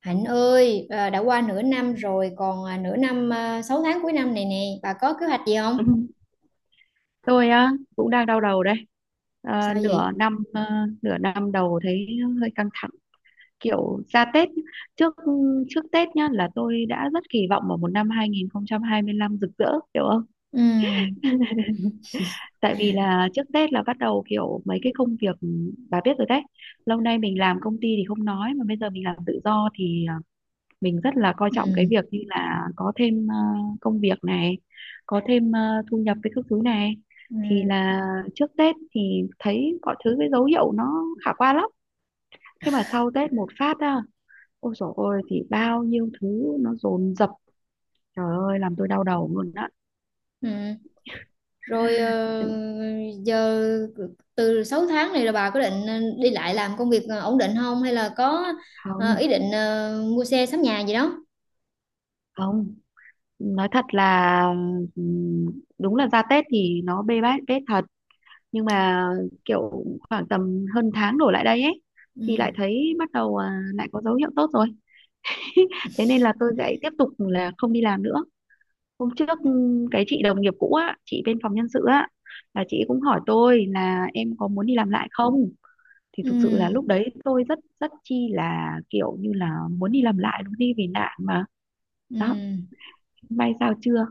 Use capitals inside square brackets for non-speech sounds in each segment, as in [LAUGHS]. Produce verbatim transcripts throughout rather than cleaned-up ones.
Hạnh ơi, à, đã qua nửa năm rồi, còn à, nửa năm à, sáu tháng cuối năm này nè, bà có kế hoạch gì không? [LAUGHS] Ừ, tôi á cũng đang đau đầu đây. Ờ, Sao Nửa vậy? năm ờ, nửa năm đầu thấy hơi căng thẳng, kiểu ra Tết nhá. Trước trước Tết nhá, là tôi đã rất kỳ vọng vào một năm hai không hai lăm rực rỡ, hiểu không? Ừ. [LAUGHS] Tại vì là trước Tết là bắt đầu kiểu mấy cái công việc, bà biết rồi đấy. Lâu nay mình làm công ty thì không nói, mà bây giờ mình làm tự do thì mình rất là coi trọng cái Ừ. việc như là có thêm ờ, công việc này, có thêm ờ, thu nhập với các thứ này. Ừ. Thì là trước Tết thì thấy mọi thứ, cái dấu hiệu nó khả quan lắm, thế mà sau Tết một phát á, ôi dồi ôi, thì bao nhiêu thứ nó dồn dập, trời ơi làm tôi đau đầu luôn á. Ừ. Rồi ờ, giờ từ sáu tháng này là bà có định ờ, đi lại làm công việc ờ, ổn định không? Hay là có ờ, Không, ý định ờ, mua xe sắm nhà gì đó? không, nói thật là ừm, đúng là ra Tết thì nó bê bết Tết thật, nhưng mà kiểu khoảng tầm hơn tháng đổ lại đây ấy, thì lại Ừ. thấy bắt đầu, à, lại có dấu hiệu tốt rồi. [LAUGHS] Thế nên là tôi lại tiếp tục là không đi làm nữa. Hôm trước ừm, cái chị đồng nghiệp cũ á, chị bên phòng nhân sự á, là chị cũng hỏi tôi là em có muốn đi làm lại không, thì thực sự là Ừ. lúc đấy tôi rất rất chi là kiểu như là muốn đi làm lại luôn đi vì nạn mà. Ừ. Đó, may sao chưa.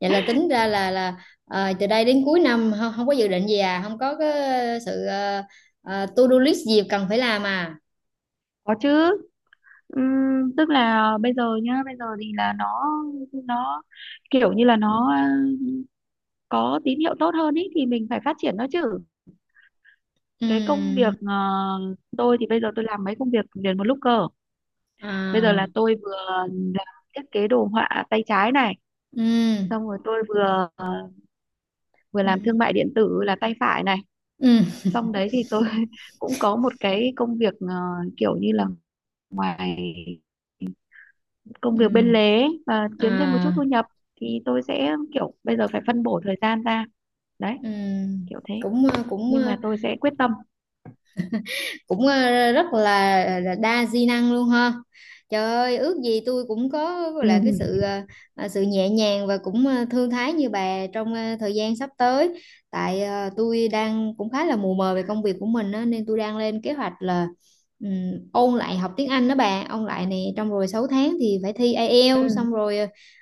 Vậy là tính ra là là ờ, từ đây đến cuối năm không, không có dự định gì à? Không có cái sự ờ, ờ, to do list gì cần phải làm à? Có chứ. Ừm, tức là bây giờ nhá, bây giờ thì là nó nó kiểu như là nó ờ, có tín hiệu tốt hơn ý, thì mình phải phát triển nó chứ. Cái công Ừ. việc ờ, tôi thì bây giờ tôi làm mấy công việc liền một lúc cơ. Bây giờ À. là tôi vừa làm thiết kế đồ họa tay trái này, Ừ. xong rồi tôi vừa ờ, vừa làm Ừ. thương mại điện tử là tay phải này, Ừ. xong đấy thì tôi [LAUGHS] cũng có một cái công việc ờ, kiểu như là ngoài công Ừ. việc bên lề và kiếm thêm một chút À. thu nhập, thì tôi sẽ kiểu bây giờ phải phân bổ thời gian ra, đấy, Ừ. kiểu thế. cũng ờ, cũng Nhưng ờ, mà tôi sẽ quyết tâm. cũng ờ, rất là, là đa di năng luôn ha. Trời ơi, ước gì tôi cũng có Ừ. là cái sự ờ, ờ, sự nhẹ nhàng và cũng ờ, thư thái như bà trong ờ, thời gian sắp tới. Tại ờ, tôi đang cũng khá là mù mờ về công việc của mình á, nên tôi đang lên kế hoạch là ừm, ôn lại học tiếng Anh đó bà, ôn lại này, trong rồi sáu tháng thì phải thi ai eo xong Ừ. rồi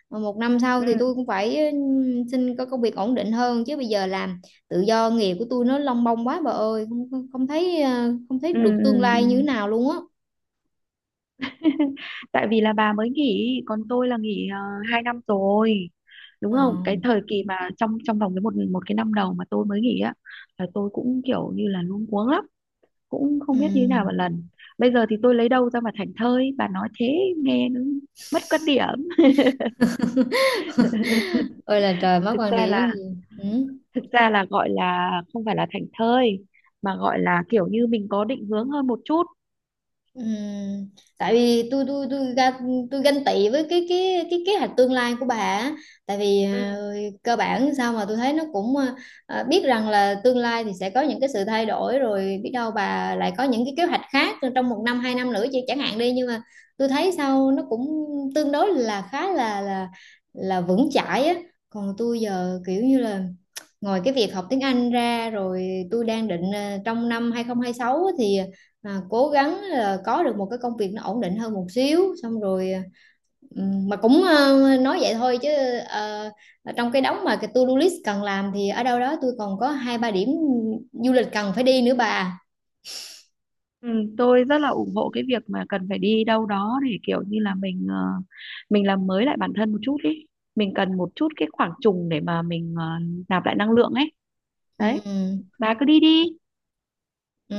ờ, một năm sau thì Ừ. tôi cũng phải ừm, xin có công việc ổn định hơn, chứ bây giờ làm tự do nghề của tôi nó lông bông quá bà ơi, không không không thấy ờ, không thấy Ừ. được tương lai như thế Ừ. nào luôn á. [LAUGHS] Tại vì là bà mới nghỉ, còn tôi là nghỉ uh, hai năm rồi, đúng Ờ. không? Cái thời kỳ mà trong trong vòng cái một một cái năm đầu mà tôi mới nghỉ á, là tôi cũng kiểu như là luống cuống lắm, cũng Ừ. không biết như thế nào một lần. Bây giờ thì tôi lấy đâu ra mà thảnh thơi, bà nói thế nghe nó mất quan điểm. [LAUGHS] Ôi là trời, [LAUGHS] mắc Thực quan ra điểm là, gì. Ừ. thực ra là gọi là không phải là thảnh thơi, mà gọi là kiểu như mình có định hướng hơn một chút. Ừm, tại vì tôi tôi tôi ga- tôi ganh tị với cái cái cái kế hoạch tương lai của bà á. Tại vì ờ, cơ bản sao mà tôi thấy nó cũng ờ, ờ, biết rằng là tương lai thì sẽ có những cái sự thay đổi, rồi biết đâu bà lại có những cái kế hoạch khác trong một năm hai năm nữa chứ chẳng hạn đi, nhưng mà tôi thấy sao nó cũng tương đối là khá là là là vững chãi á. Còn tôi giờ kiểu như là ngoài cái việc học tiếng Anh ra, rồi tôi đang định ờ, trong năm hai không hai sáu thì à, cố gắng là có được một cái công việc nó ổn định hơn một xíu, xong rồi ừm, mà cũng ờ, nói vậy thôi chứ ờ, trong cái đống mà cái to-do list cần làm thì ở đâu đó tôi còn có hai ba điểm du lịch cần phải đi nữa bà. Ừ, tôi rất là ủng hộ cái việc mà cần phải đi đâu đó để kiểu như là mình ờ, mình làm mới lại bản thân một chút ý, mình cần một chút cái khoảng trùng để mà mình ờ, nạp lại năng lượng ấy, đấy, Ừm. bà cứ đi đi. Ừ,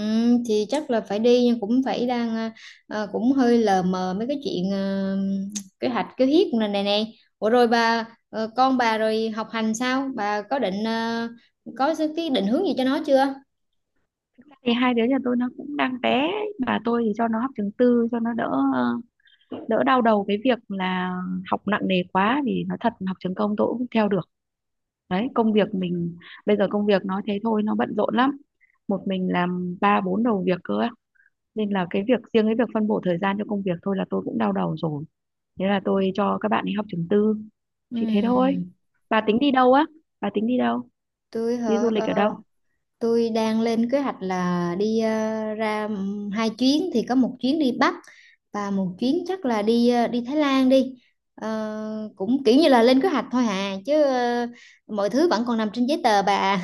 thì chắc là phải đi, nhưng cũng phải đang ờ, ờ, cũng hơi lờ mờ mấy cái chuyện ờ, kế hoạch kế hiếp này này này. Ủa rồi bà ờ, con bà rồi học hành sao, bà có định ờ, có cái định hướng gì cho nó chưa? Thì hai đứa nhà tôi nó cũng đang bé, bà, tôi thì cho nó học trường tư cho nó đỡ ờ, đỡ đau đầu cái việc là học nặng nề quá, vì nó thật, học trường công tôi cũng không theo được, đấy công việc mình, bây giờ công việc nói thế thôi nó bận rộn lắm, một mình làm ba bốn đầu việc cơ á. Nên là cái việc riêng, cái việc phân bổ thời gian cho công việc thôi là tôi cũng đau đầu rồi, thế là tôi cho các bạn đi học trường tư, chỉ thế thôi. Ừm, Bà tính đi đâu á, bà tính đi đâu, tôi đi du hả? lịch ở đâu? Ờ, tôi đang lên kế hoạch là đi ờ, ra ừm, hai chuyến, thì có một chuyến đi Bắc và một chuyến chắc là đi ờ, đi Thái Lan đi. Ờ, cũng kiểu như là lên kế hoạch thôi à, chứ ờ, mọi thứ vẫn còn nằm trên giấy tờ bà.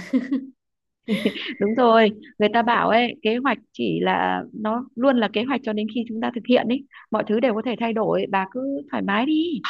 Đúng rồi, người ta bảo ấy, kế hoạch chỉ là nó luôn là kế hoạch cho đến khi chúng ta thực hiện ấy, mọi thứ đều có thể thay đổi, bà cứ thoải mái đi.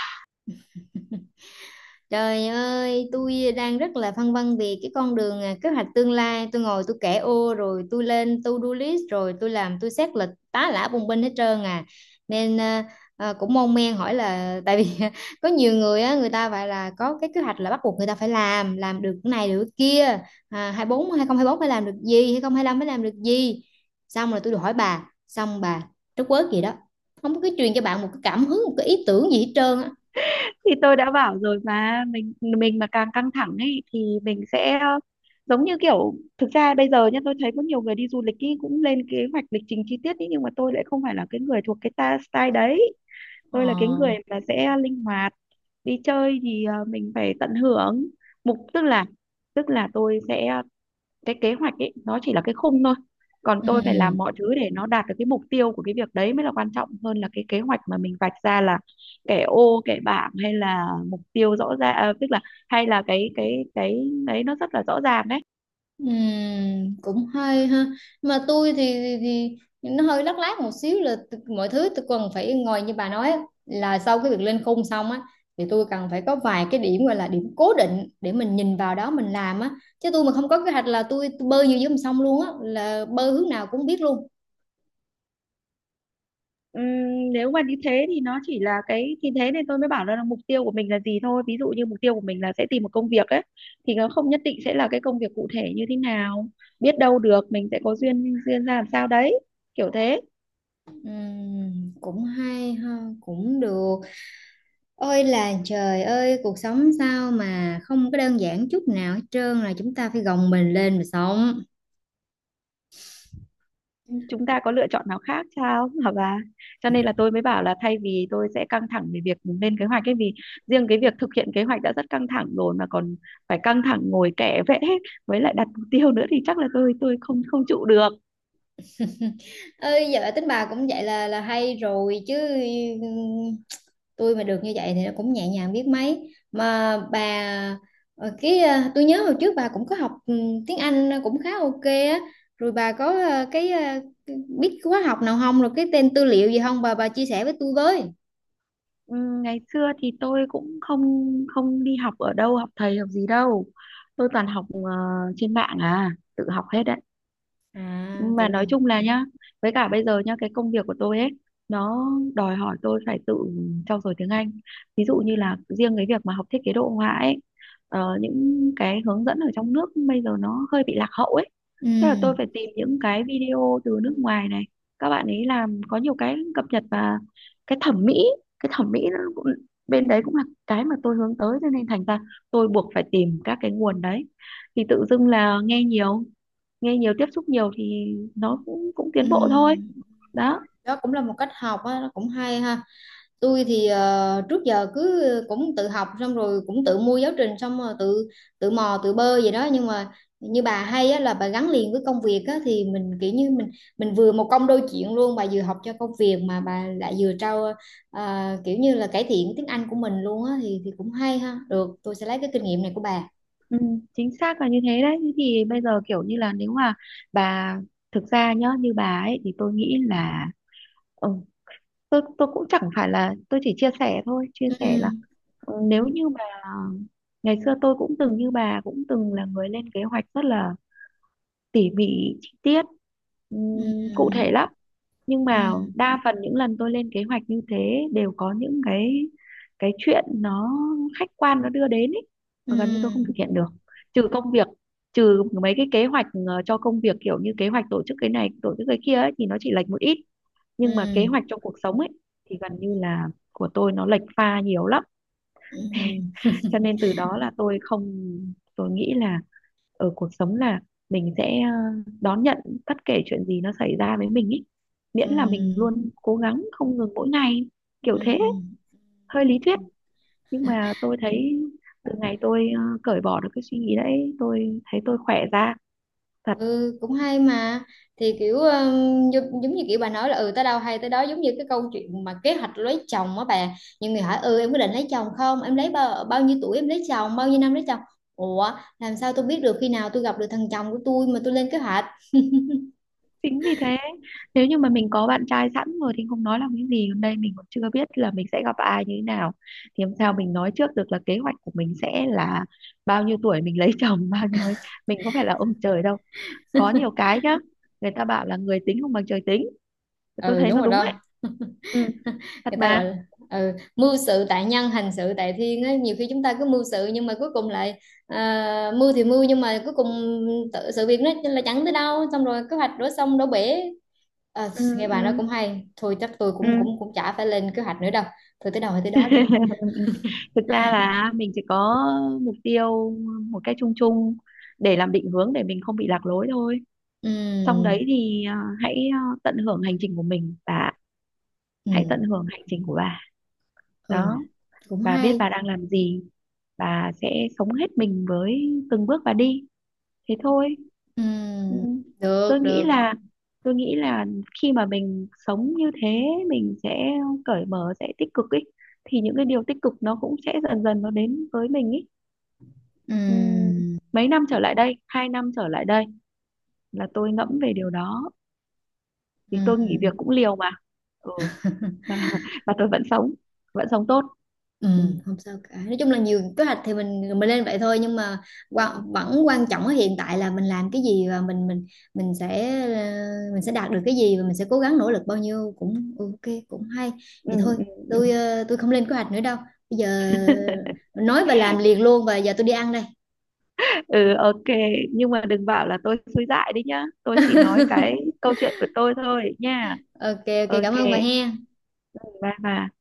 Trời ơi, tôi đang rất là phân vân về cái con đường, à, kế hoạch tương lai. Tôi ngồi tôi kẻ ô rồi tôi lên to-do list rồi tôi làm tôi xét lịch tá lả bùng binh hết trơn à. Nên à, à, cũng mon men hỏi là tại vì [LAUGHS] có nhiều người á, người ta phải là có cái kế hoạch là bắt buộc người ta phải làm, làm được cái này được cái kia. À, hai tư, bốn, hai không hai bốn phải làm được gì, hai không hai lăm phải làm được gì. Xong rồi tôi được hỏi bà, xong bà trất quớt gì đó. Không có cái truyền cho bạn một cái cảm hứng, một cái ý tưởng gì hết trơn á. Thì tôi đã bảo rồi mà, mình mình mà càng căng thẳng ấy thì mình sẽ ờ, giống như kiểu, thực ra bây giờ nhá tôi thấy có nhiều người đi du lịch ý, cũng lên kế hoạch lịch trình chi tiết ý, nhưng mà tôi lại không phải là cái người thuộc cái ta style đấy, Ờ. tôi là cái người là sẽ linh hoạt. Đi chơi thì ờ, mình phải tận hưởng. Mục, tức là, tức là tôi sẽ, cái kế hoạch ấy nó chỉ là cái khung thôi, còn tôi phải làm Ừ. mọi thứ để nó đạt được cái mục tiêu của cái việc đấy mới là quan trọng hơn là cái kế hoạch mà mình vạch ra là kẻ ô kẻ bảng, hay là mục tiêu rõ ràng, à, tức là, hay là cái cái cái đấy nó rất là rõ ràng đấy. Ừm, cũng hay ha. Mà tôi thì, thì, thì nó hơi lắc lác một xíu là t- mọi thứ tôi cần phải ngồi như bà nói á, là sau cái việc lên khung xong á, thì tôi cần phải có vài cái điểm, gọi là điểm cố định để mình nhìn vào đó mình làm á, chứ tôi mà không có kế hoạch là tôi, tôi bơi như dưới dòng sông luôn á, là bơi hướng nào cũng biết luôn. Ừm, nếu mà như thế thì nó chỉ là cái, thì thế nên tôi mới bảo là mục tiêu của mình là gì thôi, ví dụ như mục tiêu của mình là sẽ tìm một công việc ấy, thì nó không nhất định sẽ là cái công việc cụ thể như thế nào, biết đâu được mình sẽ có duyên, duyên ra làm sao đấy, kiểu thế. Ừm, cũng hay ha, cũng được. Ôi là trời ơi, cuộc sống sao mà không có đơn giản chút nào hết trơn, là chúng ta phải gồng mình lên mà sống. Chúng ta có lựa chọn nào khác sao hả bà, cho nên là tôi mới bảo là thay vì tôi sẽ căng thẳng về việc lên kế hoạch ấy, vì riêng cái việc thực hiện kế hoạch đã rất căng thẳng rồi, mà còn phải căng thẳng ngồi kẻ vẽ với lại đặt mục tiêu nữa thì chắc là tôi tôi không không trụ được. Ơi giờ tính bà cũng vậy là là hay rồi chứ. Ừm, tôi mà được như vậy thì nó cũng nhẹ nhàng biết mấy mà bà. ờ, cái ờ, tôi nhớ hồi trước bà cũng có học ừm, tiếng Anh cũng khá ok á, rồi bà có ờ, cái ờ, biết khóa học nào không, rồi cái tên tư liệu gì không bà, bà chia sẻ với tôi với. Ừ, ngày xưa thì tôi cũng không không đi học ở đâu, học thầy học gì đâu, tôi toàn học ờ, trên mạng à, tự học hết đấy. À Nhưng mà tự nói học. chung là nhá, với cả bây giờ nhá, cái công việc của tôi ấy nó đòi hỏi tôi phải tự trau dồi tiếng Anh. Ví dụ như là riêng cái việc mà học thiết kế đồ họa ấy, ờ, những cái hướng dẫn ở trong nước bây giờ nó hơi bị lạc hậu ấy, Ừ. thế là tôi phải tìm những cái video từ nước ngoài này, các bạn ấy làm có nhiều cái cập nhật, và cái thẩm mỹ, cái thẩm mỹ nó cũng bên đấy cũng là cái mà tôi hướng tới, cho nên thành ra tôi buộc phải tìm các cái nguồn đấy. Thì tự dưng là nghe nhiều, nghe nhiều tiếp xúc nhiều thì nó cũng cũng Ừ. tiến bộ thôi, đó. Đó cũng là một cách học á, nó cũng hay ha. Tôi thì ờ, trước giờ cứ cũng tự học, xong rồi cũng tự mua giáo trình, xong rồi tự tự mò tự bơ vậy đó, nhưng mà như bà hay á, là bà gắn liền với công việc á, thì mình kiểu như mình mình vừa một công đôi chuyện luôn, bà vừa học cho công việc mà bà lại vừa trau, ờ, kiểu như là cải thiện tiếng Anh của mình luôn á, thì thì cũng hay ha, được, tôi sẽ lấy cái kinh nghiệm này của bà. Ừ, chính xác là như thế đấy. Thế thì bây giờ kiểu như là nếu mà bà, thực ra nhá như bà ấy thì tôi nghĩ là, ừ, tôi tôi cũng chẳng phải là, tôi chỉ chia sẻ thôi, chia sẻ là, Ừ. ừ, nếu như mà ngày xưa tôi cũng từng như bà, cũng từng là người lên kế hoạch rất là tỉ mỉ, chi tiết, ừm, cụ Ừ. thể lắm. Nhưng Ừ. mà đa phần những lần tôi lên kế hoạch như thế đều có những cái cái chuyện nó khách quan nó đưa đến ấy, và gần như tôi không thực Ừ. hiện được. Trừ công việc, trừ mấy cái kế hoạch ờ, cho công việc kiểu như kế hoạch tổ chức cái này tổ chức cái kia ấy, thì nó chỉ lệch một ít, nhưng mà kế Ừ. hoạch cho cuộc sống ấy thì gần như là của tôi nó lệch pha nhiều lắm. [LAUGHS] Ừ. Cho nên từ đó là tôi không, tôi nghĩ là ở cuộc sống là mình sẽ ờ, đón nhận bất kể chuyện gì nó xảy ra với mình ý, miễn là mình Ừ. luôn cố gắng không ngừng mỗi ngày, Ừ. kiểu Ừ. thế. Hơi lý thuyết, nhưng mà tôi thấy từ ngày tôi ờ, cởi bỏ được cái suy nghĩ đấy, tôi thấy tôi khỏe ra thật. Ừ cũng hay mà. Thì kiểu um, giống, giống như kiểu bà nói là ừ tới đâu hay tới đó, giống như cái câu chuyện mà kế hoạch lấy chồng á bà, nhiều người hỏi ừ em có định lấy chồng không, em lấy bao bao nhiêu tuổi em lấy chồng, bao nhiêu năm lấy chồng. Ủa, làm sao tôi biết được khi nào tôi gặp được thằng chồng của tôi mà tôi lên kế hoạch. Chính vì thế, nếu như mà mình có bạn trai sẵn rồi thì không nói làm cái gì, còn đây mình còn chưa biết là mình sẽ gặp ai như thế nào, thì làm sao mình nói trước được là kế hoạch của mình sẽ là bao nhiêu tuổi mình [LAUGHS] lấy chồng bao nhiêu ấy, mình có phải là ông trời đâu. Có nhiều cái nhá, người ta bảo là người tính không bằng trời tính, tôi Ừ thấy đúng nó rồi đúng ấy. đó. Ừ, thật Người ta mà. gọi là ừ, mưu sự tại nhân hành sự tại thiên á, nhiều khi chúng ta cứ mưu sự nhưng mà cuối cùng lại, à, mưu thì mưu nhưng mà cuối cùng tự, sự việc nó là chẳng tới đâu, xong rồi kế hoạch đổ sông đổ bể. Ờ, Ừ. nghe Ừ. bà nói cũng hay, thôi chắc tôi Ừ. cũng cũng cũng chả phải lên kế hoạch nữa đâu. Thôi tới đâu hay tới đó đi. [LAUGHS] Thực ra là mình chỉ có mục tiêu một cách chung chung để làm định hướng để mình không bị lạc lối thôi, xong đấy Ừm. thì, à, hãy, à, tận hưởng hành trình của mình, và hãy tận Ừm. hưởng hành trình của bà, Ừ đó. cũng Bà biết hay. bà đang làm gì, bà sẽ sống hết mình với từng bước bà đi, thế thôi. Ừ. Ừm, tôi được nghĩ được. là tôi nghĩ là khi mà mình sống như thế, mình sẽ cởi mở, sẽ tích cực ấy, thì những cái điều tích cực nó cũng sẽ dần dần nó đến với mình ấy. Ừm, Ừm. mấy năm trở lại đây, hai năm trở lại đây là tôi ngẫm về điều đó, vì tôi nghỉ Ừm. việc cũng liều mà. Ừ, [LAUGHS] và và tôi vẫn sống, vẫn sống tốt. Ừ, Ừ. không sao cả. Nói chung là nhiều kế hoạch thì mình mình lên vậy thôi, nhưng mà Ừ. quan, vẫn quan trọng ở hiện tại là mình làm cái gì, và mình mình mình sẽ ờ, mình sẽ đạt được cái gì, và mình sẽ cố gắng nỗ lực bao nhiêu cũng ok cũng hay. Ừ. Vậy thôi, Ừ. Ừ. tôi ờ, tôi không lên kế hoạch nữa đâu. Bây giờ [LAUGHS] nói và làm liền luôn, và giờ tôi đi ăn đây. Ừ, ok. Nhưng mà đừng bảo là tôi suy dại đi nhá, tôi chỉ nói [LAUGHS] cái câu chuyện của tôi thôi nha. Ok, ok Ok, cảm ơn bà he. bye bye.